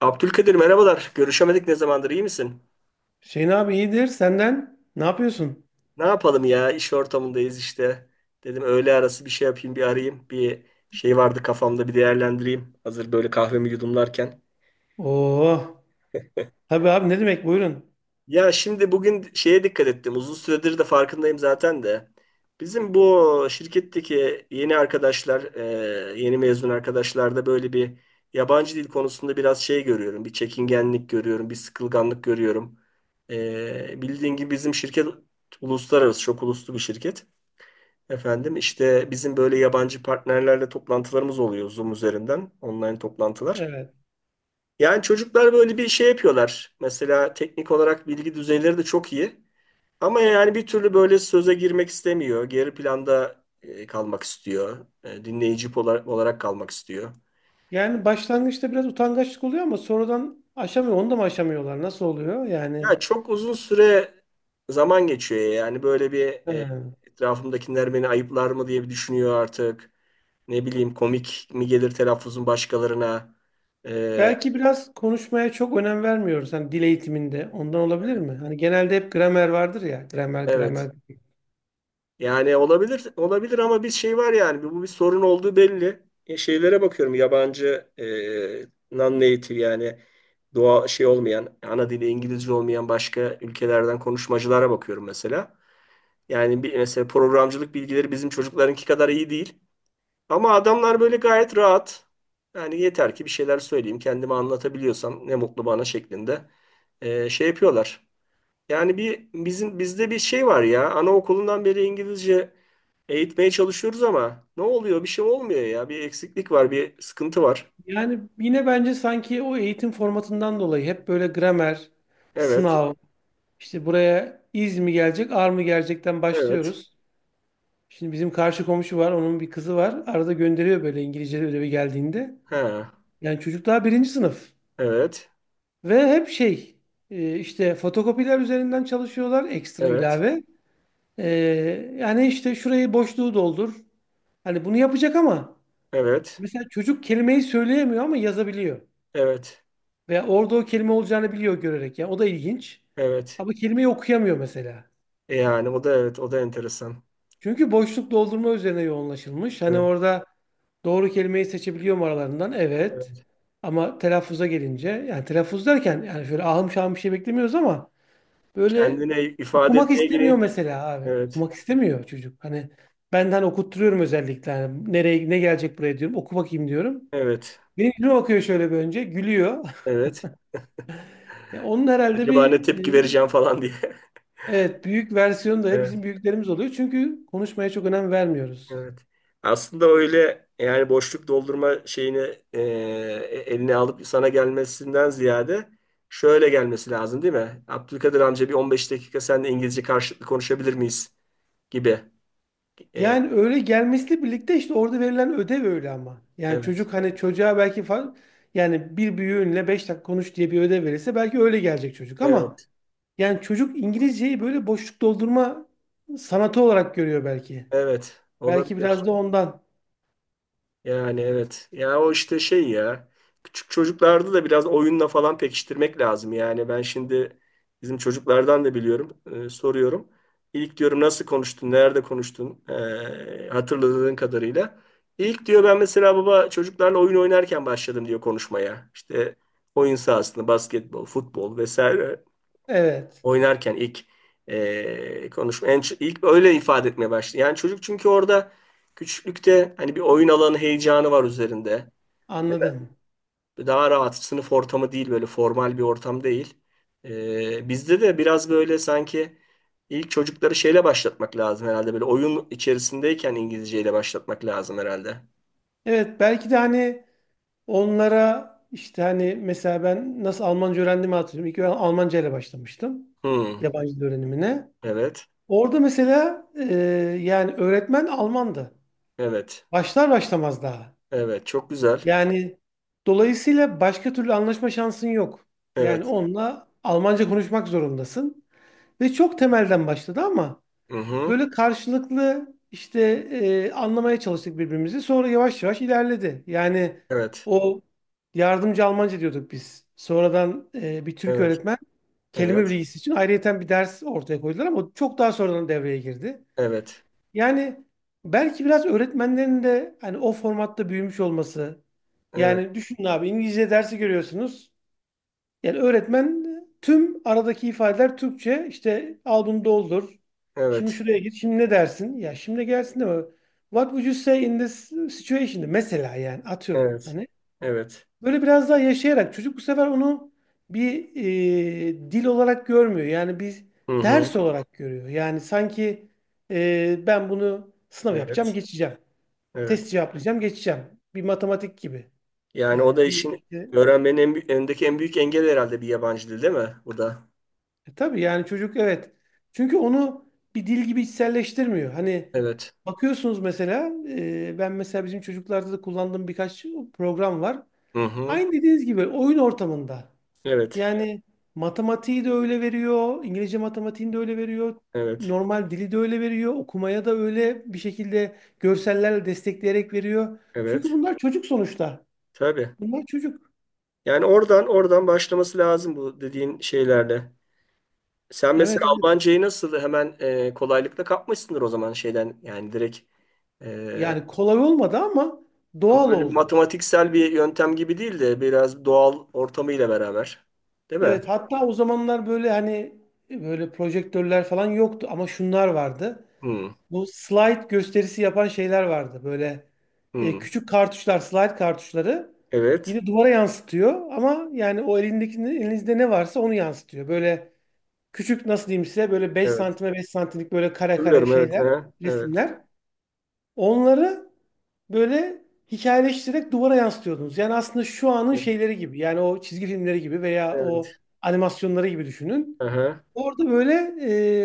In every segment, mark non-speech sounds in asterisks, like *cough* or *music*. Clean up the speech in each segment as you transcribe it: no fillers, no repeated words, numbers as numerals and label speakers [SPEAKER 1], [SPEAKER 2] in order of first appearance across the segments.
[SPEAKER 1] Abdülkadir merhabalar. Görüşemedik ne zamandır iyi misin?
[SPEAKER 2] Hüseyin abi iyidir senden. Ne yapıyorsun?
[SPEAKER 1] Ne yapalım ya iş ortamındayız işte. Dedim öğle arası bir şey yapayım bir arayayım. Bir şey vardı kafamda bir değerlendireyim. Hazır böyle kahvemi yudumlarken.
[SPEAKER 2] Oo. Tabii abi ne demek buyurun.
[SPEAKER 1] Ya şimdi bugün şeye dikkat ettim. Uzun süredir de farkındayım zaten de. Bizim bu şirketteki yeni arkadaşlar, yeni mezun arkadaşlarda böyle bir yabancı dil konusunda biraz şey görüyorum. Bir çekingenlik görüyorum, bir sıkılganlık görüyorum. Bildiğin gibi bizim şirket uluslararası, çok uluslu bir şirket. Efendim işte bizim böyle yabancı partnerlerle toplantılarımız oluyor Zoom üzerinden, online toplantılar.
[SPEAKER 2] Evet.
[SPEAKER 1] Yani çocuklar böyle bir şey yapıyorlar. Mesela teknik olarak bilgi düzeyleri de çok iyi. Ama yani bir türlü böyle söze girmek istemiyor. Geri planda kalmak istiyor. Dinleyici olarak kalmak istiyor.
[SPEAKER 2] Yani başlangıçta biraz utangaçlık oluyor ama sonradan aşamıyor. Onu da mı aşamıyorlar? Nasıl oluyor? Yani
[SPEAKER 1] Ya çok uzun süre zaman geçiyor yani böyle bir
[SPEAKER 2] he.
[SPEAKER 1] etrafımdakiler beni ayıplar mı diye bir düşünüyor artık. Ne bileyim komik mi gelir telaffuzun başkalarına. E,
[SPEAKER 2] Belki biraz konuşmaya çok önem vermiyoruz. Hani dil eğitiminde ondan olabilir mi? Hani genelde hep gramer vardır ya. Gramer,
[SPEAKER 1] evet.
[SPEAKER 2] gramer.
[SPEAKER 1] Yani olabilir olabilir ama bir şey var yani bu bir sorun olduğu belli. Şeylere bakıyorum yabancı non-native yani doğa şey olmayan ana dili İngilizce olmayan başka ülkelerden konuşmacılara bakıyorum mesela. Yani bir mesela programcılık bilgileri bizim çocuklarınki kadar iyi değil. Ama adamlar böyle gayet rahat. Yani yeter ki bir şeyler söyleyeyim, kendimi anlatabiliyorsam ne mutlu bana şeklinde şey yapıyorlar. Yani bir bizim bizde bir şey var ya anaokulundan beri İngilizce eğitmeye çalışıyoruz ama ne oluyor? Bir şey olmuyor ya. Bir eksiklik var, bir sıkıntı var.
[SPEAKER 2] Yani yine bence sanki o eğitim formatından dolayı hep böyle gramer,
[SPEAKER 1] Evet,
[SPEAKER 2] sınav, işte buraya iz mi gelecek, ar mı gelecekten
[SPEAKER 1] evet,
[SPEAKER 2] başlıyoruz. Şimdi bizim karşı komşu var. Onun bir kızı var. Arada gönderiyor böyle İngilizce ödevi geldiğinde.
[SPEAKER 1] ha,
[SPEAKER 2] Yani çocuk daha birinci sınıf.
[SPEAKER 1] evet,
[SPEAKER 2] Ve hep şey işte fotokopiler üzerinden çalışıyorlar. Ekstra
[SPEAKER 1] evet,
[SPEAKER 2] ilave. E, yani işte şurayı boşluğu doldur. Hani bunu yapacak ama
[SPEAKER 1] evet,
[SPEAKER 2] mesela çocuk kelimeyi söyleyemiyor ama yazabiliyor.
[SPEAKER 1] evet,
[SPEAKER 2] Veya orada o kelime olacağını biliyor görerek. Yani o da ilginç.
[SPEAKER 1] evet.
[SPEAKER 2] Ama kelimeyi okuyamıyor mesela.
[SPEAKER 1] Yani o da evet, o da enteresan.
[SPEAKER 2] Çünkü boşluk doldurma üzerine yoğunlaşılmış. Hani
[SPEAKER 1] Evet,
[SPEAKER 2] orada doğru kelimeyi seçebiliyorum aralarından. Evet.
[SPEAKER 1] evet.
[SPEAKER 2] Ama telaffuza gelince yani telaffuz derken yani şöyle ahım şahım bir şey beklemiyoruz ama böyle
[SPEAKER 1] Kendine ifade
[SPEAKER 2] okumak
[SPEAKER 1] etmeye
[SPEAKER 2] istemiyor
[SPEAKER 1] ilgili.
[SPEAKER 2] mesela abi.
[SPEAKER 1] Evet,
[SPEAKER 2] Okumak istemiyor çocuk. Hani benden okutturuyorum özellikle. Hani nereye ne gelecek buraya diyorum. Oku bakayım diyorum.
[SPEAKER 1] evet,
[SPEAKER 2] Benim yüzüme bakıyor şöyle bir önce. Gülüyor. *laughs*
[SPEAKER 1] evet.
[SPEAKER 2] Ya onun herhalde
[SPEAKER 1] Acaba ne
[SPEAKER 2] bir
[SPEAKER 1] tepki
[SPEAKER 2] e,
[SPEAKER 1] vereceğim falan diye. *laughs*
[SPEAKER 2] evet, büyük versiyonu da
[SPEAKER 1] Evet.
[SPEAKER 2] bizim büyüklerimiz oluyor. Çünkü konuşmaya çok önem vermiyoruz.
[SPEAKER 1] Evet. Aslında öyle yani boşluk doldurma şeyini eline alıp sana gelmesinden ziyade şöyle gelmesi lazım değil mi? Abdülkadir amca bir 15 dakika seninle İngilizce karşılıklı konuşabilir miyiz gibi. E,
[SPEAKER 2] Yani öyle gelmesiyle birlikte işte orada verilen ödev öyle ama. Yani
[SPEAKER 1] evet.
[SPEAKER 2] çocuk hani çocuğa belki yani bir büyüğünle 5 dakika konuş diye bir ödev verirse belki öyle gelecek çocuk
[SPEAKER 1] Evet.
[SPEAKER 2] ama yani çocuk İngilizceyi böyle boşluk doldurma sanatı olarak görüyor belki.
[SPEAKER 1] Evet.
[SPEAKER 2] Belki biraz
[SPEAKER 1] Olabilir.
[SPEAKER 2] da ondan.
[SPEAKER 1] Yani evet. Ya o işte şey ya. Küçük çocuklarda da biraz oyunla falan pekiştirmek lazım. Yani ben şimdi bizim çocuklardan da biliyorum. Soruyorum. İlk diyorum nasıl konuştun? Nerede konuştun? Hatırladığın kadarıyla. İlk diyor ben mesela baba çocuklarla oyun oynarken başladım diyor konuşmaya. İşte oyun sahasında basketbol, futbol vesaire
[SPEAKER 2] Evet,
[SPEAKER 1] oynarken ilk konuşma ilk öyle ifade etmeye başladı. Yani çocuk çünkü orada küçüklükte hani bir oyun alanı heyecanı var üzerinde.
[SPEAKER 2] anladım.
[SPEAKER 1] Daha rahat sınıf ortamı değil böyle formal bir ortam değil. Bizde de biraz böyle sanki ilk çocukları şeyle başlatmak lazım herhalde böyle oyun içerisindeyken İngilizceyle başlatmak lazım herhalde.
[SPEAKER 2] Evet, belki de hani onlara işte hani mesela ben nasıl Almanca öğrendiğimi hatırlıyorum. İlk ben Almanca ile başlamıştım
[SPEAKER 1] Hmm,
[SPEAKER 2] yabancı dil öğrenimine.
[SPEAKER 1] evet.
[SPEAKER 2] Orada mesela yani öğretmen Almandı.
[SPEAKER 1] Evet.
[SPEAKER 2] Başlar başlamaz daha.
[SPEAKER 1] Evet. Çok güzel.
[SPEAKER 2] Yani dolayısıyla başka türlü anlaşma şansın yok. Yani
[SPEAKER 1] Evet.
[SPEAKER 2] onunla Almanca konuşmak zorundasın. Ve çok temelden başladı ama
[SPEAKER 1] Hı hı.
[SPEAKER 2] böyle karşılıklı işte anlamaya çalıştık birbirimizi. Sonra yavaş yavaş ilerledi. Yani
[SPEAKER 1] Evet.
[SPEAKER 2] o yardımcı Almanca diyorduk biz. Sonradan bir Türk
[SPEAKER 1] Evet.
[SPEAKER 2] öğretmen kelime
[SPEAKER 1] Evet.
[SPEAKER 2] bilgisi için ayrıyeten bir ders ortaya koydular ama o çok daha sonradan devreye girdi.
[SPEAKER 1] Evet.
[SPEAKER 2] Yani belki biraz öğretmenlerin de hani o formatta büyümüş olması.
[SPEAKER 1] Evet.
[SPEAKER 2] Yani düşünün abi İngilizce dersi görüyorsunuz. Yani öğretmen tüm aradaki ifadeler Türkçe. İşte al bunu doldur. Şimdi
[SPEAKER 1] Evet.
[SPEAKER 2] şuraya git. Şimdi ne dersin? Ya şimdi gelsin de mi? What would you say in this situation? Mesela yani atıyorum.
[SPEAKER 1] Evet.
[SPEAKER 2] Hani
[SPEAKER 1] Evet.
[SPEAKER 2] böyle biraz daha yaşayarak çocuk bu sefer onu bir dil olarak görmüyor. Yani bir
[SPEAKER 1] Hı hı.
[SPEAKER 2] ders olarak görüyor. Yani sanki ben bunu sınav yapacağım,
[SPEAKER 1] Evet.
[SPEAKER 2] geçeceğim. Test
[SPEAKER 1] Evet.
[SPEAKER 2] cevaplayacağım, geçeceğim. Bir matematik gibi.
[SPEAKER 1] Yani o da
[SPEAKER 2] Yani bir
[SPEAKER 1] işin
[SPEAKER 2] işte,
[SPEAKER 1] öğrenmenin önündeki en büyük engel herhalde bir yabancı dil değil mi? Bu da.
[SPEAKER 2] tabii yani çocuk evet. Çünkü onu bir dil gibi içselleştirmiyor. Hani
[SPEAKER 1] Evet.
[SPEAKER 2] bakıyorsunuz mesela ben mesela bizim çocuklarda da kullandığım birkaç program var.
[SPEAKER 1] Hı hı.
[SPEAKER 2] Aynı dediğiniz gibi oyun ortamında.
[SPEAKER 1] Evet.
[SPEAKER 2] Yani matematiği de öyle veriyor, İngilizce matematiğini de öyle veriyor,
[SPEAKER 1] Evet.
[SPEAKER 2] normal dili de öyle veriyor, okumaya da öyle bir şekilde görsellerle destekleyerek veriyor. Çünkü
[SPEAKER 1] Evet.
[SPEAKER 2] bunlar çocuk sonuçta.
[SPEAKER 1] Tabii.
[SPEAKER 2] Bunlar çocuk.
[SPEAKER 1] Yani oradan başlaması lazım bu dediğin şeylerle. Sen mesela
[SPEAKER 2] Evet, evet.
[SPEAKER 1] Almancayı nasıl hemen kolaylıkla kapmışsındır o zaman şeyden yani direkt e,
[SPEAKER 2] Yani kolay olmadı ama
[SPEAKER 1] ama
[SPEAKER 2] doğal
[SPEAKER 1] böyle bir
[SPEAKER 2] oldu.
[SPEAKER 1] matematiksel bir yöntem gibi değil de biraz doğal ortamıyla beraber. Değil mi?
[SPEAKER 2] Evet, hatta o zamanlar böyle hani böyle projektörler falan yoktu ama şunlar vardı.
[SPEAKER 1] Hı
[SPEAKER 2] Bu slide gösterisi yapan şeyler vardı. Böyle
[SPEAKER 1] hı.
[SPEAKER 2] küçük kartuşlar, slide kartuşları
[SPEAKER 1] Evet.
[SPEAKER 2] yine duvara yansıtıyor ama yani o elindeki elinizde ne varsa onu yansıtıyor. Böyle küçük nasıl diyeyim size böyle beş
[SPEAKER 1] Evet.
[SPEAKER 2] santime 5 santimlik böyle kare kare
[SPEAKER 1] Hatırlıyorum evet.
[SPEAKER 2] şeyler,
[SPEAKER 1] Aha, evet.
[SPEAKER 2] resimler. Onları böyle hikayeleştirerek duvara yansıtıyordunuz. Yani aslında şu anın
[SPEAKER 1] Evet.
[SPEAKER 2] şeyleri gibi. Yani o çizgi filmleri gibi veya
[SPEAKER 1] Evet.
[SPEAKER 2] o animasyonları gibi düşünün.
[SPEAKER 1] Aha,
[SPEAKER 2] Orada böyle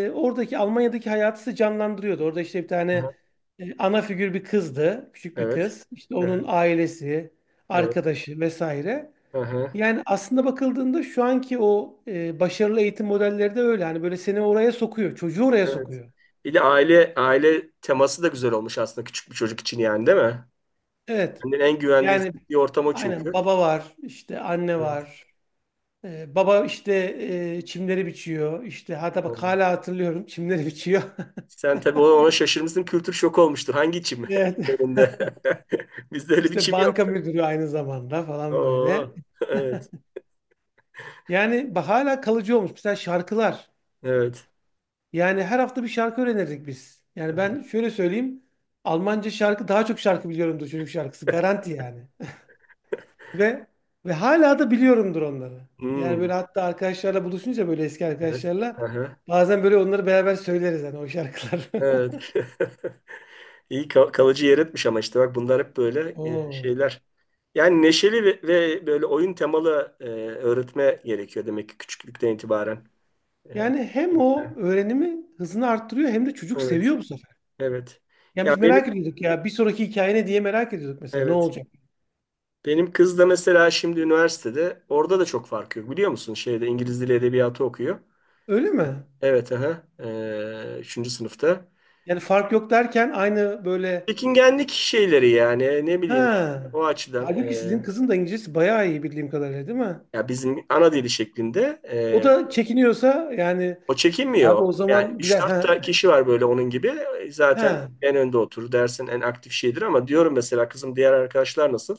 [SPEAKER 2] oradaki Almanya'daki hayatı size canlandırıyordu. Orada işte bir tane
[SPEAKER 1] aha,
[SPEAKER 2] ana figür bir kızdı. Küçük bir
[SPEAKER 1] evet.
[SPEAKER 2] kız. İşte onun
[SPEAKER 1] Evet.
[SPEAKER 2] ailesi,
[SPEAKER 1] Evet.
[SPEAKER 2] arkadaşı vesaire.
[SPEAKER 1] Aha,
[SPEAKER 2] Yani aslında bakıldığında şu anki o başarılı eğitim modelleri de öyle. Hani böyle seni oraya sokuyor. Çocuğu oraya
[SPEAKER 1] evet.
[SPEAKER 2] sokuyor.
[SPEAKER 1] Bir de aile teması da güzel olmuş aslında küçük bir çocuk için yani değil mi?
[SPEAKER 2] Evet.
[SPEAKER 1] Kendini en güvende
[SPEAKER 2] Yani
[SPEAKER 1] hissettiği ortam o
[SPEAKER 2] aynen
[SPEAKER 1] çünkü.
[SPEAKER 2] baba var. İşte anne
[SPEAKER 1] Evet.
[SPEAKER 2] var. Baba işte çimleri biçiyor. İşte hatta bak
[SPEAKER 1] Doğru.
[SPEAKER 2] hala hatırlıyorum. Çimleri biçiyor.
[SPEAKER 1] Sen tabii ona şaşırmışsın kültür şoku olmuştur. Hangi çim? *laughs*
[SPEAKER 2] *laughs* Evet.
[SPEAKER 1] Önünde. *laughs* Bizde öyle bir
[SPEAKER 2] İşte
[SPEAKER 1] çim yok.
[SPEAKER 2] banka müdürü aynı zamanda falan böyle.
[SPEAKER 1] Oo. Evet.
[SPEAKER 2] Yani hala kalıcı olmuş. Mesela şarkılar.
[SPEAKER 1] Evet.
[SPEAKER 2] Yani her hafta bir şarkı öğrenirdik biz. Yani
[SPEAKER 1] Evet.
[SPEAKER 2] ben şöyle söyleyeyim. Almanca şarkı daha çok şarkı biliyorumdur çocuk şarkısı. Garanti yani. *laughs* Ve hala da biliyorumdur onları. Yani
[SPEAKER 1] Hmm,
[SPEAKER 2] böyle hatta arkadaşlarla buluşunca böyle eski
[SPEAKER 1] evet.
[SPEAKER 2] arkadaşlarla
[SPEAKER 1] Aha,
[SPEAKER 2] bazen böyle onları beraber söyleriz hani o şarkılar. *laughs*
[SPEAKER 1] evet. *laughs* Kalıcı yer etmiş ama işte bak bunlar hep böyle
[SPEAKER 2] Oo.
[SPEAKER 1] şeyler. Yani neşeli ve böyle oyun temalı öğretme gerekiyor demek ki küçüklükten itibaren. E,
[SPEAKER 2] Yani hem o öğrenimi hızını arttırıyor hem de çocuk
[SPEAKER 1] evet,
[SPEAKER 2] seviyor bu sefer.
[SPEAKER 1] evet.
[SPEAKER 2] Yani
[SPEAKER 1] Ya
[SPEAKER 2] biz
[SPEAKER 1] benim
[SPEAKER 2] merak ediyorduk ya bir sonraki hikaye ne diye merak ediyorduk mesela ne
[SPEAKER 1] evet.
[SPEAKER 2] olacak?
[SPEAKER 1] Benim kız da mesela şimdi üniversitede orada da çok fark yok biliyor musun? Şeyde İngiliz Dili Edebiyatı okuyor.
[SPEAKER 2] Öyle mi?
[SPEAKER 1] Evet, aha. Üçüncü sınıfta.
[SPEAKER 2] Yani fark yok derken aynı böyle
[SPEAKER 1] Çekingenlik şeyleri yani ne bileyim işte,
[SPEAKER 2] ha.
[SPEAKER 1] o açıdan
[SPEAKER 2] Halbuki sizin kızın da İngilizcesi bayağı iyi bildiğim kadarıyla değil mi?
[SPEAKER 1] ya bizim ana dili şeklinde
[SPEAKER 2] O da çekiniyorsa yani
[SPEAKER 1] O
[SPEAKER 2] abi
[SPEAKER 1] çekinmiyor.
[SPEAKER 2] o
[SPEAKER 1] Yani
[SPEAKER 2] zaman bir de
[SPEAKER 1] üç dört
[SPEAKER 2] ha
[SPEAKER 1] tane kişi var böyle onun gibi. Zaten
[SPEAKER 2] ha,
[SPEAKER 1] en önde oturur. Dersin en aktif şeydir ama diyorum mesela kızım diğer arkadaşlar nasıl?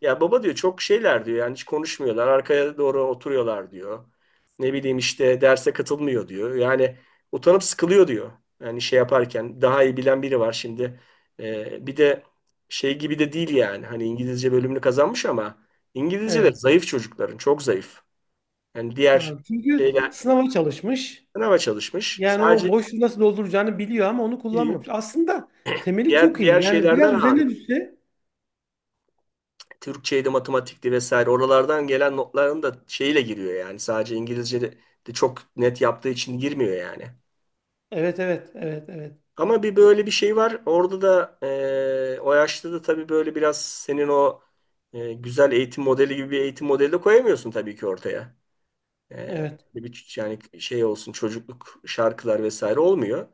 [SPEAKER 1] Ya baba diyor çok şeyler diyor. Yani hiç konuşmuyorlar. Arkaya doğru oturuyorlar diyor. Ne bileyim işte derse katılmıyor diyor. Yani utanıp sıkılıyor diyor. Yani şey yaparken daha iyi bilen biri var şimdi. Bir de şey gibi de değil yani. Hani İngilizce bölümünü kazanmış ama İngilizceleri
[SPEAKER 2] evet.
[SPEAKER 1] zayıf çocukların. Çok zayıf. Yani diğer
[SPEAKER 2] Ha, çünkü
[SPEAKER 1] şeyler
[SPEAKER 2] sınava çalışmış.
[SPEAKER 1] sınava çalışmış.
[SPEAKER 2] Yani o
[SPEAKER 1] Sadece
[SPEAKER 2] boşluğu nasıl dolduracağını biliyor ama onu
[SPEAKER 1] İyi.
[SPEAKER 2] kullanmamış. Aslında temeli çok
[SPEAKER 1] Diğer
[SPEAKER 2] iyi.
[SPEAKER 1] diğer
[SPEAKER 2] Yani
[SPEAKER 1] şeylerden
[SPEAKER 2] biraz üzerine
[SPEAKER 1] ağırlık.
[SPEAKER 2] düşse
[SPEAKER 1] Türkçeydi, matematikti vesaire. Oralardan gelen notların da şeyle giriyor yani. Sadece İngilizce de çok net yaptığı için girmiyor yani.
[SPEAKER 2] evet, evet, evet, evet,
[SPEAKER 1] Ama bir böyle bir şey var. Orada da o yaşta da tabii böyle biraz senin o güzel eğitim modeli gibi bir eğitim modeli de koyamıyorsun tabii ki ortaya. Eee,
[SPEAKER 2] evet.
[SPEAKER 1] bir yani şey olsun çocukluk şarkılar vesaire olmuyor.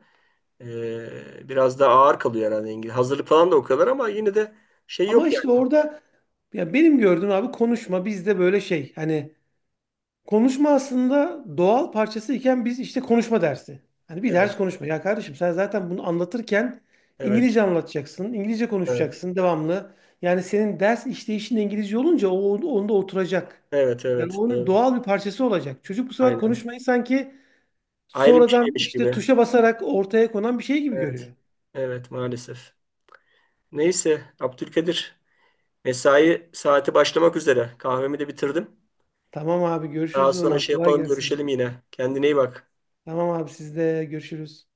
[SPEAKER 1] Biraz daha ağır kalıyor herhalde İngiliz. Hazırlık falan da o kadar ama yine de şey
[SPEAKER 2] Ama
[SPEAKER 1] yok
[SPEAKER 2] işte
[SPEAKER 1] yani.
[SPEAKER 2] orada ya benim gördüğüm abi konuşma bizde böyle şey. Hani konuşma aslında doğal parçası iken biz işte konuşma dersi. Hani bir ders
[SPEAKER 1] Evet.
[SPEAKER 2] konuşma. Ya kardeşim sen zaten bunu anlatırken
[SPEAKER 1] Evet.
[SPEAKER 2] İngilizce anlatacaksın. İngilizce
[SPEAKER 1] Evet.
[SPEAKER 2] konuşacaksın devamlı. Yani senin ders işleyişin de İngilizce olunca o onda oturacak.
[SPEAKER 1] Evet,
[SPEAKER 2] Yani
[SPEAKER 1] evet.
[SPEAKER 2] onun
[SPEAKER 1] Doğru.
[SPEAKER 2] doğal bir parçası olacak. Çocuk bu sefer
[SPEAKER 1] Aynen.
[SPEAKER 2] konuşmayı sanki
[SPEAKER 1] Ayrı bir
[SPEAKER 2] sonradan
[SPEAKER 1] şeymiş
[SPEAKER 2] işte
[SPEAKER 1] gibi.
[SPEAKER 2] tuşa basarak ortaya konan bir şey gibi
[SPEAKER 1] Evet.
[SPEAKER 2] görüyor.
[SPEAKER 1] Evet, maalesef. Neyse, Abdülkadir. Mesai saati başlamak üzere. Kahvemi de bitirdim.
[SPEAKER 2] Tamam abi
[SPEAKER 1] Daha
[SPEAKER 2] görüşürüz o
[SPEAKER 1] sonra
[SPEAKER 2] zaman.
[SPEAKER 1] şey
[SPEAKER 2] Kolay
[SPEAKER 1] yapalım,
[SPEAKER 2] gelsin.
[SPEAKER 1] görüşelim yine. Kendine iyi bak.
[SPEAKER 2] Tamam abi sizde görüşürüz.